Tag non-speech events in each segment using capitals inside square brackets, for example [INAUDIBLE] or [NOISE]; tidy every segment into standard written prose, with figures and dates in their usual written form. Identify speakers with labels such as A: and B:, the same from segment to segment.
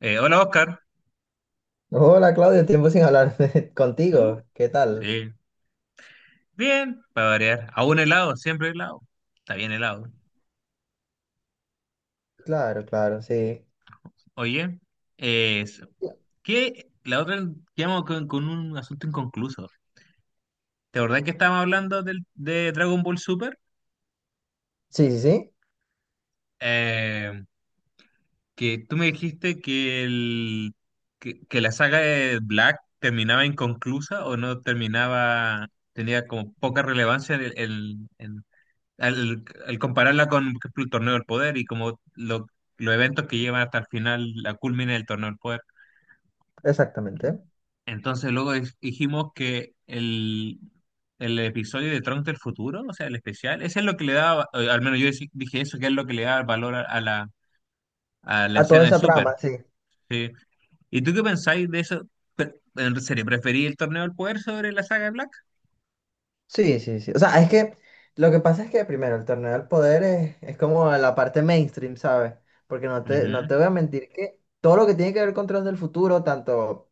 A: Hola Oscar.
B: Hola Claudio, tiempo sin hablar [LAUGHS]
A: Uh,
B: contigo. ¿Qué tal?
A: sí, bien, para variar. A un helado, siempre helado. Está bien helado.
B: Claro, claro, sí.
A: Oye, eh, ¿qué? La otra quedamos con un asunto inconcluso. ¿Te acordás que estábamos hablando de Dragon Ball Super?
B: Sí, sí, sí,
A: Eh, que tú me dijiste que la saga de Black terminaba inconclusa o no terminaba, tenía como poca relevancia en, el- en- al compararla con, por ejemplo, el Torneo del Poder y los eventos que llevan hasta el final, la culmina del Torneo del Poder.
B: exactamente.
A: Entonces dijimos el episodio de Trunks del futuro, o sea, el especial, ese es lo que le daba, al menos dije eso, que es lo que le da valor a la
B: A toda
A: escena de
B: esa
A: Super.
B: trama, sí.
A: ¿Sí? ¿Y tú qué pensáis de eso? En serio, ¿preferí el Torneo del Poder sobre la saga de Black?
B: Sí, sí, sí. O sea, es que lo que pasa es que primero el torneo del poder es como la parte mainstream, ¿sabes? Porque no te, no
A: Ujú,
B: te voy a mentir que todo lo que tiene que ver con Trunks del futuro, tanto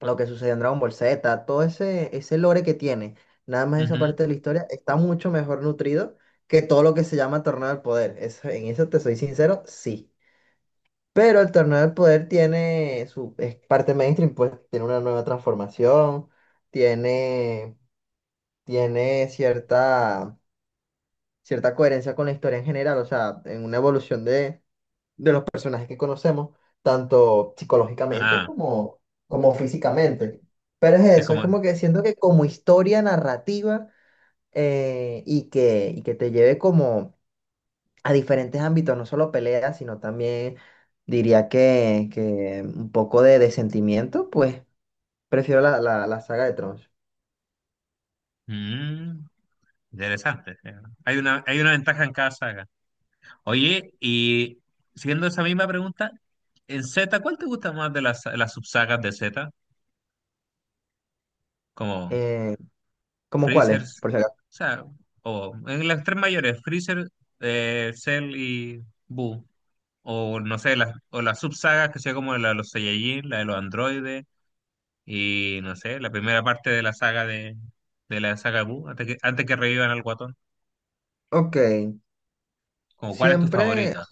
B: lo que sucedió en Dragon Ball Z, todo ese lore que tiene, nada más esa
A: ujú.
B: parte de la historia, está mucho mejor nutrido que todo lo que se llama torneo del poder. En eso te soy sincero, sí. Pero el torneo del poder tiene su es parte mainstream, pues tiene una nueva transformación, tiene, tiene cierta, coherencia con la historia en general, o sea, en una evolución de, los personajes que conocemos, tanto psicológicamente
A: Ah,
B: como, físicamente. Pero es
A: sí, es
B: eso, es
A: como...
B: como que siento que como historia narrativa y que, te lleve como a diferentes ámbitos, no solo peleas, sino también diría que, un poco de, sentimiento, pues prefiero la, la saga de Trunks.
A: mm, interesante. Sí, ¿no? Hay una ventaja en cada saga. Oye, y siguiendo esa misma pregunta, en Z, ¿cuál te gusta más de las subsagas de Z? Como
B: Eh, ¿Cómo cuáles?
A: Freezers,
B: Por si acaso.
A: o sea, o en las tres mayores, Freezer, Cell y Boo. O no sé, las, o las subsagas que sea como la de los Saiyajin, la de los androides, y no sé, la primera parte de de, la saga Boo, antes que revivan al guatón.
B: Ok,
A: Como, ¿cuál es tu
B: siempre,
A: favorita?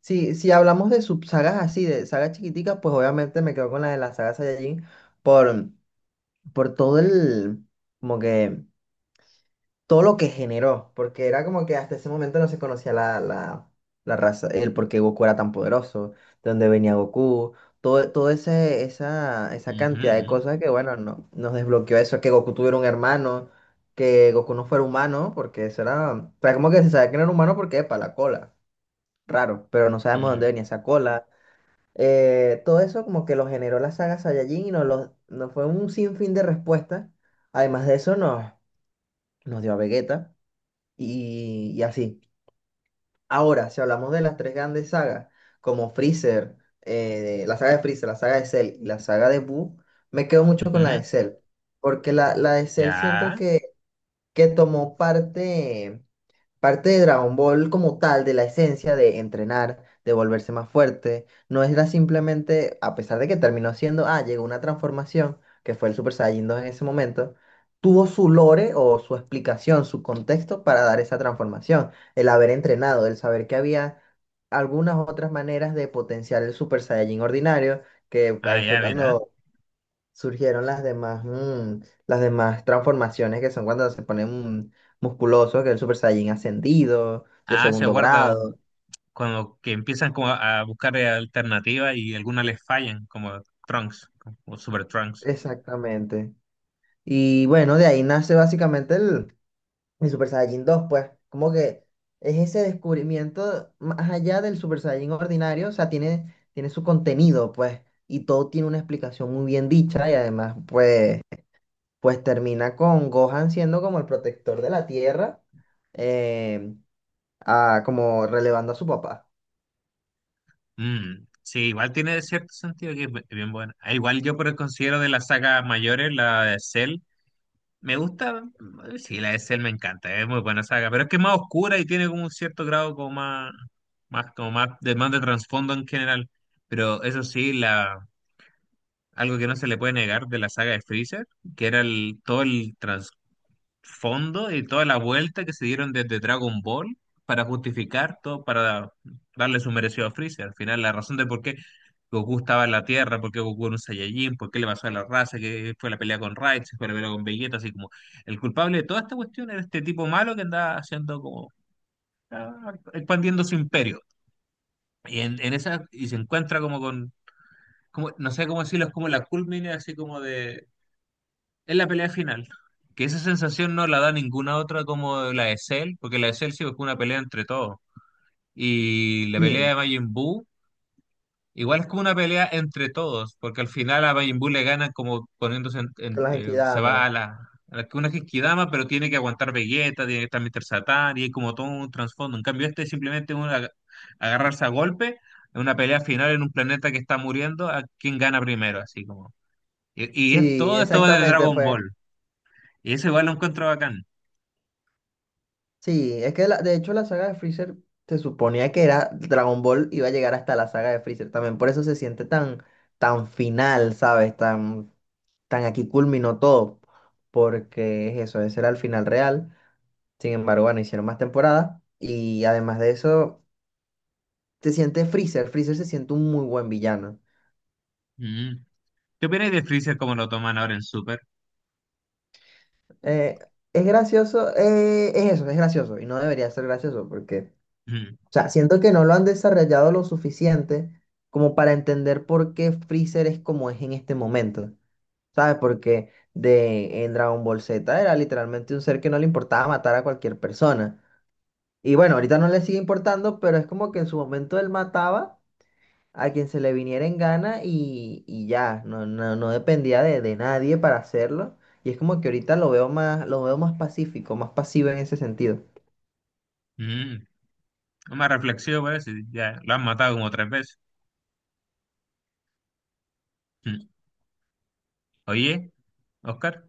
B: si hablamos de subsagas así, de sagas chiquiticas, pues obviamente me quedo con la de la saga Saiyajin por, por como que todo lo que generó, porque era como que hasta ese momento no se conocía la, la raza, el por qué Goku era tan poderoso, de dónde venía Goku, todo ese, esa, cantidad de
A: Ujú,
B: cosas que, bueno, no, nos desbloqueó eso, que Goku tuviera un hermano, que Goku no fuera humano, porque eso era, o sea, como que se sabía que no era humano porque, para la cola, raro, pero no sabemos dónde
A: ujú,
B: venía esa cola. Todo eso como que lo generó la saga Saiyajin y nos fue un sinfín de respuestas. Además de eso, nos dio a Vegeta y, así. Ahora, si hablamos de las tres grandes sagas, como Freezer, la saga de Freezer, la saga de Cell y la saga de Boo, me quedo mucho con la
A: ujú.
B: de Cell, porque la, de Cell siento
A: Ya,
B: que, tomó parte. Parte de Dragon Ball como tal, de la esencia de entrenar, de volverse más fuerte, no era simplemente, a pesar de que terminó siendo, llegó una transformación, que fue el Super Saiyajin 2 en ese momento, tuvo su lore o su explicación, su contexto para dar esa transformación, el haber entrenado, el saber que había algunas otras maneras de potenciar el Super Saiyajin ordinario, que
A: ah,
B: ahí fue
A: ya, mira.
B: cuando surgieron las demás, las demás transformaciones que son cuando se pone musculoso, que es el Super Saiyan ascendido, de
A: Ah, se
B: segundo
A: guarda
B: grado.
A: cuando que empiezan como a buscar alternativas y algunas les fallan, como Trunks o Super Trunks.
B: Exactamente. Y bueno, de ahí nace básicamente el, Super Saiyan 2, pues, como que es ese descubrimiento más allá del Super Saiyan ordinario, o sea, tiene, su contenido, pues, y todo tiene una explicación muy bien dicha y además, pues, pues termina con Gohan siendo como el protector de la Tierra. em, Ah, como relevando a su papá.
A: Mm, sí, igual tiene cierto sentido que es bien buena. Ah, igual yo por el considero de las sagas mayores, la de Cell, me gusta, sí, la de Cell me encanta, es muy buena saga, pero es que es más oscura y tiene como un cierto grado como más de trasfondo en general. Pero eso sí, algo que no se le puede negar de la saga de Freezer, que era el, todo el trasfondo fondo y toda la vuelta que se dieron desde Dragon Ball para justificar todo, para darle su merecido a Freezer. Al final, la razón de por qué Goku estaba en la Tierra, por qué Goku era un Saiyajin, por qué le pasó a la raza, que fue la pelea con Raditz, fue la pelea con Vegeta, así como el culpable de toda esta cuestión era este tipo malo que andaba haciendo como ah, expandiendo su imperio. Y en esa, y se encuentra como con, como, no sé cómo decirlo, es como la culmine así como de es la pelea final. Que esa sensación no la da ninguna otra como la de Cell, porque la de Cell sí fue una pelea entre todos. Y la pelea
B: Sí,
A: de Majin Buu, igual es como una pelea entre todos, porque al final a Majin Buu le ganan como poniéndose,
B: con las
A: se va a
B: Equidama.
A: la, una Genkidama, pero tiene que aguantar Vegeta, tiene que estar Mr. Satan, y hay como todo un trasfondo. En cambio, este es simplemente una, agarrarse a golpe, en una pelea final en un planeta que está muriendo, a quién gana primero, así como. Y es
B: Sí,
A: todo esto de
B: exactamente
A: Dragon
B: fue.
A: Ball. Y eso igual lo encuentro bacán.
B: Sí, es que de hecho la saga de Freezer se suponía que era Dragon Ball iba a llegar hasta la saga de Freezer también. Por eso se siente tan final, ¿sabes? Tan aquí culminó todo. Porque es eso, ese era el final real. Sin embargo, bueno, hicieron más temporadas. Y además de eso, se siente Freezer. Freezer se siente un muy buen villano.
A: Mm. ¿Qué opináis de Freezer como lo toman ahora en Super?
B: Eh, es gracioso, es eso, es gracioso y no debería ser gracioso porque, o
A: Mm.
B: sea, siento que no lo han desarrollado lo suficiente como para entender por qué Freezer es como es en este momento, ¿sabes? Porque en Dragon Ball Z era literalmente un ser que no le importaba matar a cualquier persona. Y bueno, ahorita no le sigue importando, pero es como que en su momento él mataba a quien se le viniera en gana y, ya, no dependía de, nadie para hacerlo. Y es como que ahorita lo veo más, pacífico, más pasivo en ese sentido.
A: Mm. Una reflexión parece, ya lo han matado como tres veces. Mm. Oye, Oscar,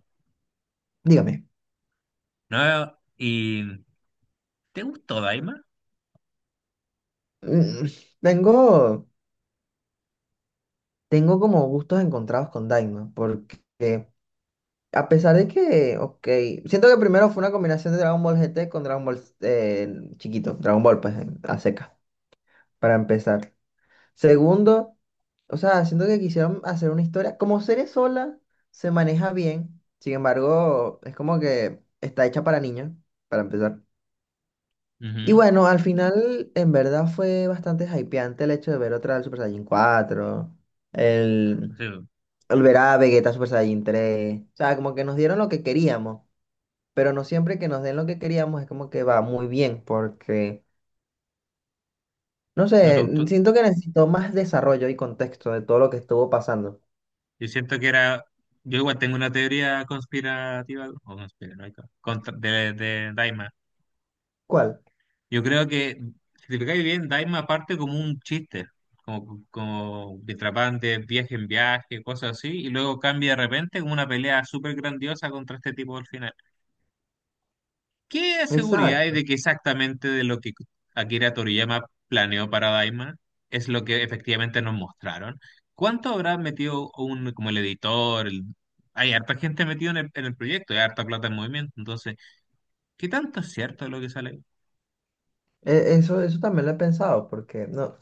B: Dígame.
A: ¿no? ¿Y te gustó Daima?
B: mm, Tengo, como gustos encontrados con Daima, porque a pesar de que, ok, siento que primero fue una combinación de Dragon Ball GT con Dragon Ball chiquito, Dragon Ball, pues a seca, para empezar. Segundo, o sea, siento que quisieron hacer una historia. Como serie sola, se maneja bien. Sin embargo, es como que está hecha para niños, para empezar. Y
A: Ujú.
B: bueno, al final, en verdad fue bastante hypeante el hecho de ver otra del Super Saiyan 4,
A: O
B: el,
A: sea,
B: ver a Vegeta Super Saiyan 3. O sea, como que nos dieron lo que queríamos, pero no siempre que nos den lo que queríamos es como que va muy bien, porque, no
A: no te
B: sé,
A: gustó.
B: siento que necesitó más desarrollo y contexto de todo lo que estuvo pasando.
A: Yo siento que era. Yo igual tengo una teoría conspirativa o conspiranoica de Daima.
B: ¿Cuál?
A: Yo creo que, si te fijáis bien, Daima parte como un chiste, como, como de trapantes, viaje en viaje, cosas así, y luego cambia de repente como una pelea súper grandiosa contra este tipo al final. ¿Qué seguridad hay
B: Exacto.
A: de que exactamente de lo que Akira Toriyama planeó para Daima es lo que efectivamente nos mostraron? ¿Cuánto habrá metido un, como el editor? El- Hay harta gente metida en el proyecto, hay harta plata en movimiento, entonces, ¿qué tanto es cierto de lo que sale ahí?
B: Eso también lo he pensado, porque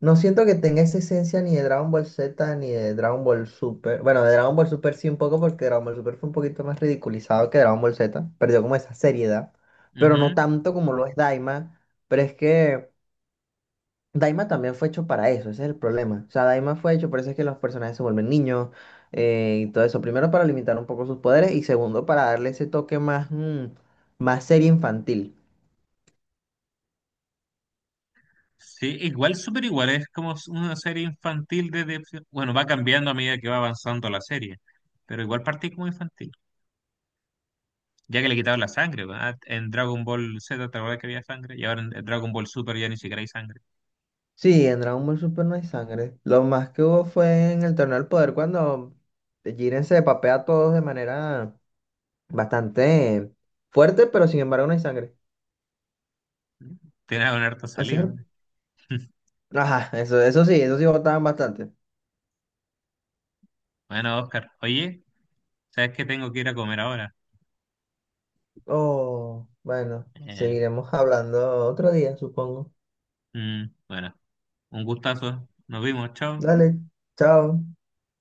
B: no siento que tenga esa esencia ni de Dragon Ball Z ni de Dragon Ball Super. Bueno, de Dragon Ball Super sí un poco, porque Dragon Ball Super fue un poquito más ridiculizado que Dragon Ball Z. Perdió como esa seriedad, pero no
A: Ujú.
B: tanto como lo es Daima. Pero es que Daima también fue hecho para eso, ese es el problema. O sea, Daima fue hecho, por eso es que los personajes se vuelven niños, y todo eso. Primero para limitar un poco sus poderes y segundo para darle ese toque más, más serie infantil.
A: Sí, igual súper igual, es como una serie infantil desde, bueno, va cambiando a medida que va avanzando la serie, pero igual partí como infantil, ya que le quitaron la sangre, ¿verdad? En Dragon Ball Z, ¿te acuerdas que había sangre? Y ahora en Dragon Ball Super ya ni siquiera hay sangre.
B: Sí, en Dragon Ball Super no hay sangre. Lo más que hubo fue en el Torneo del Poder cuando Jiren se papea a todos de manera bastante fuerte, pero sin embargo no hay sangre.
A: Tiene una harta
B: O
A: saliva.
B: sea,
A: ¿No?
B: ajá, eso, eso sí votaban bastante.
A: Bueno, Oscar, oye, ¿sabes que tengo que ir a comer ahora?
B: Oh, bueno,
A: Eh,
B: seguiremos hablando otro día, supongo.
A: bueno, un gustazo, nos vimos, chao.
B: Dale, chao.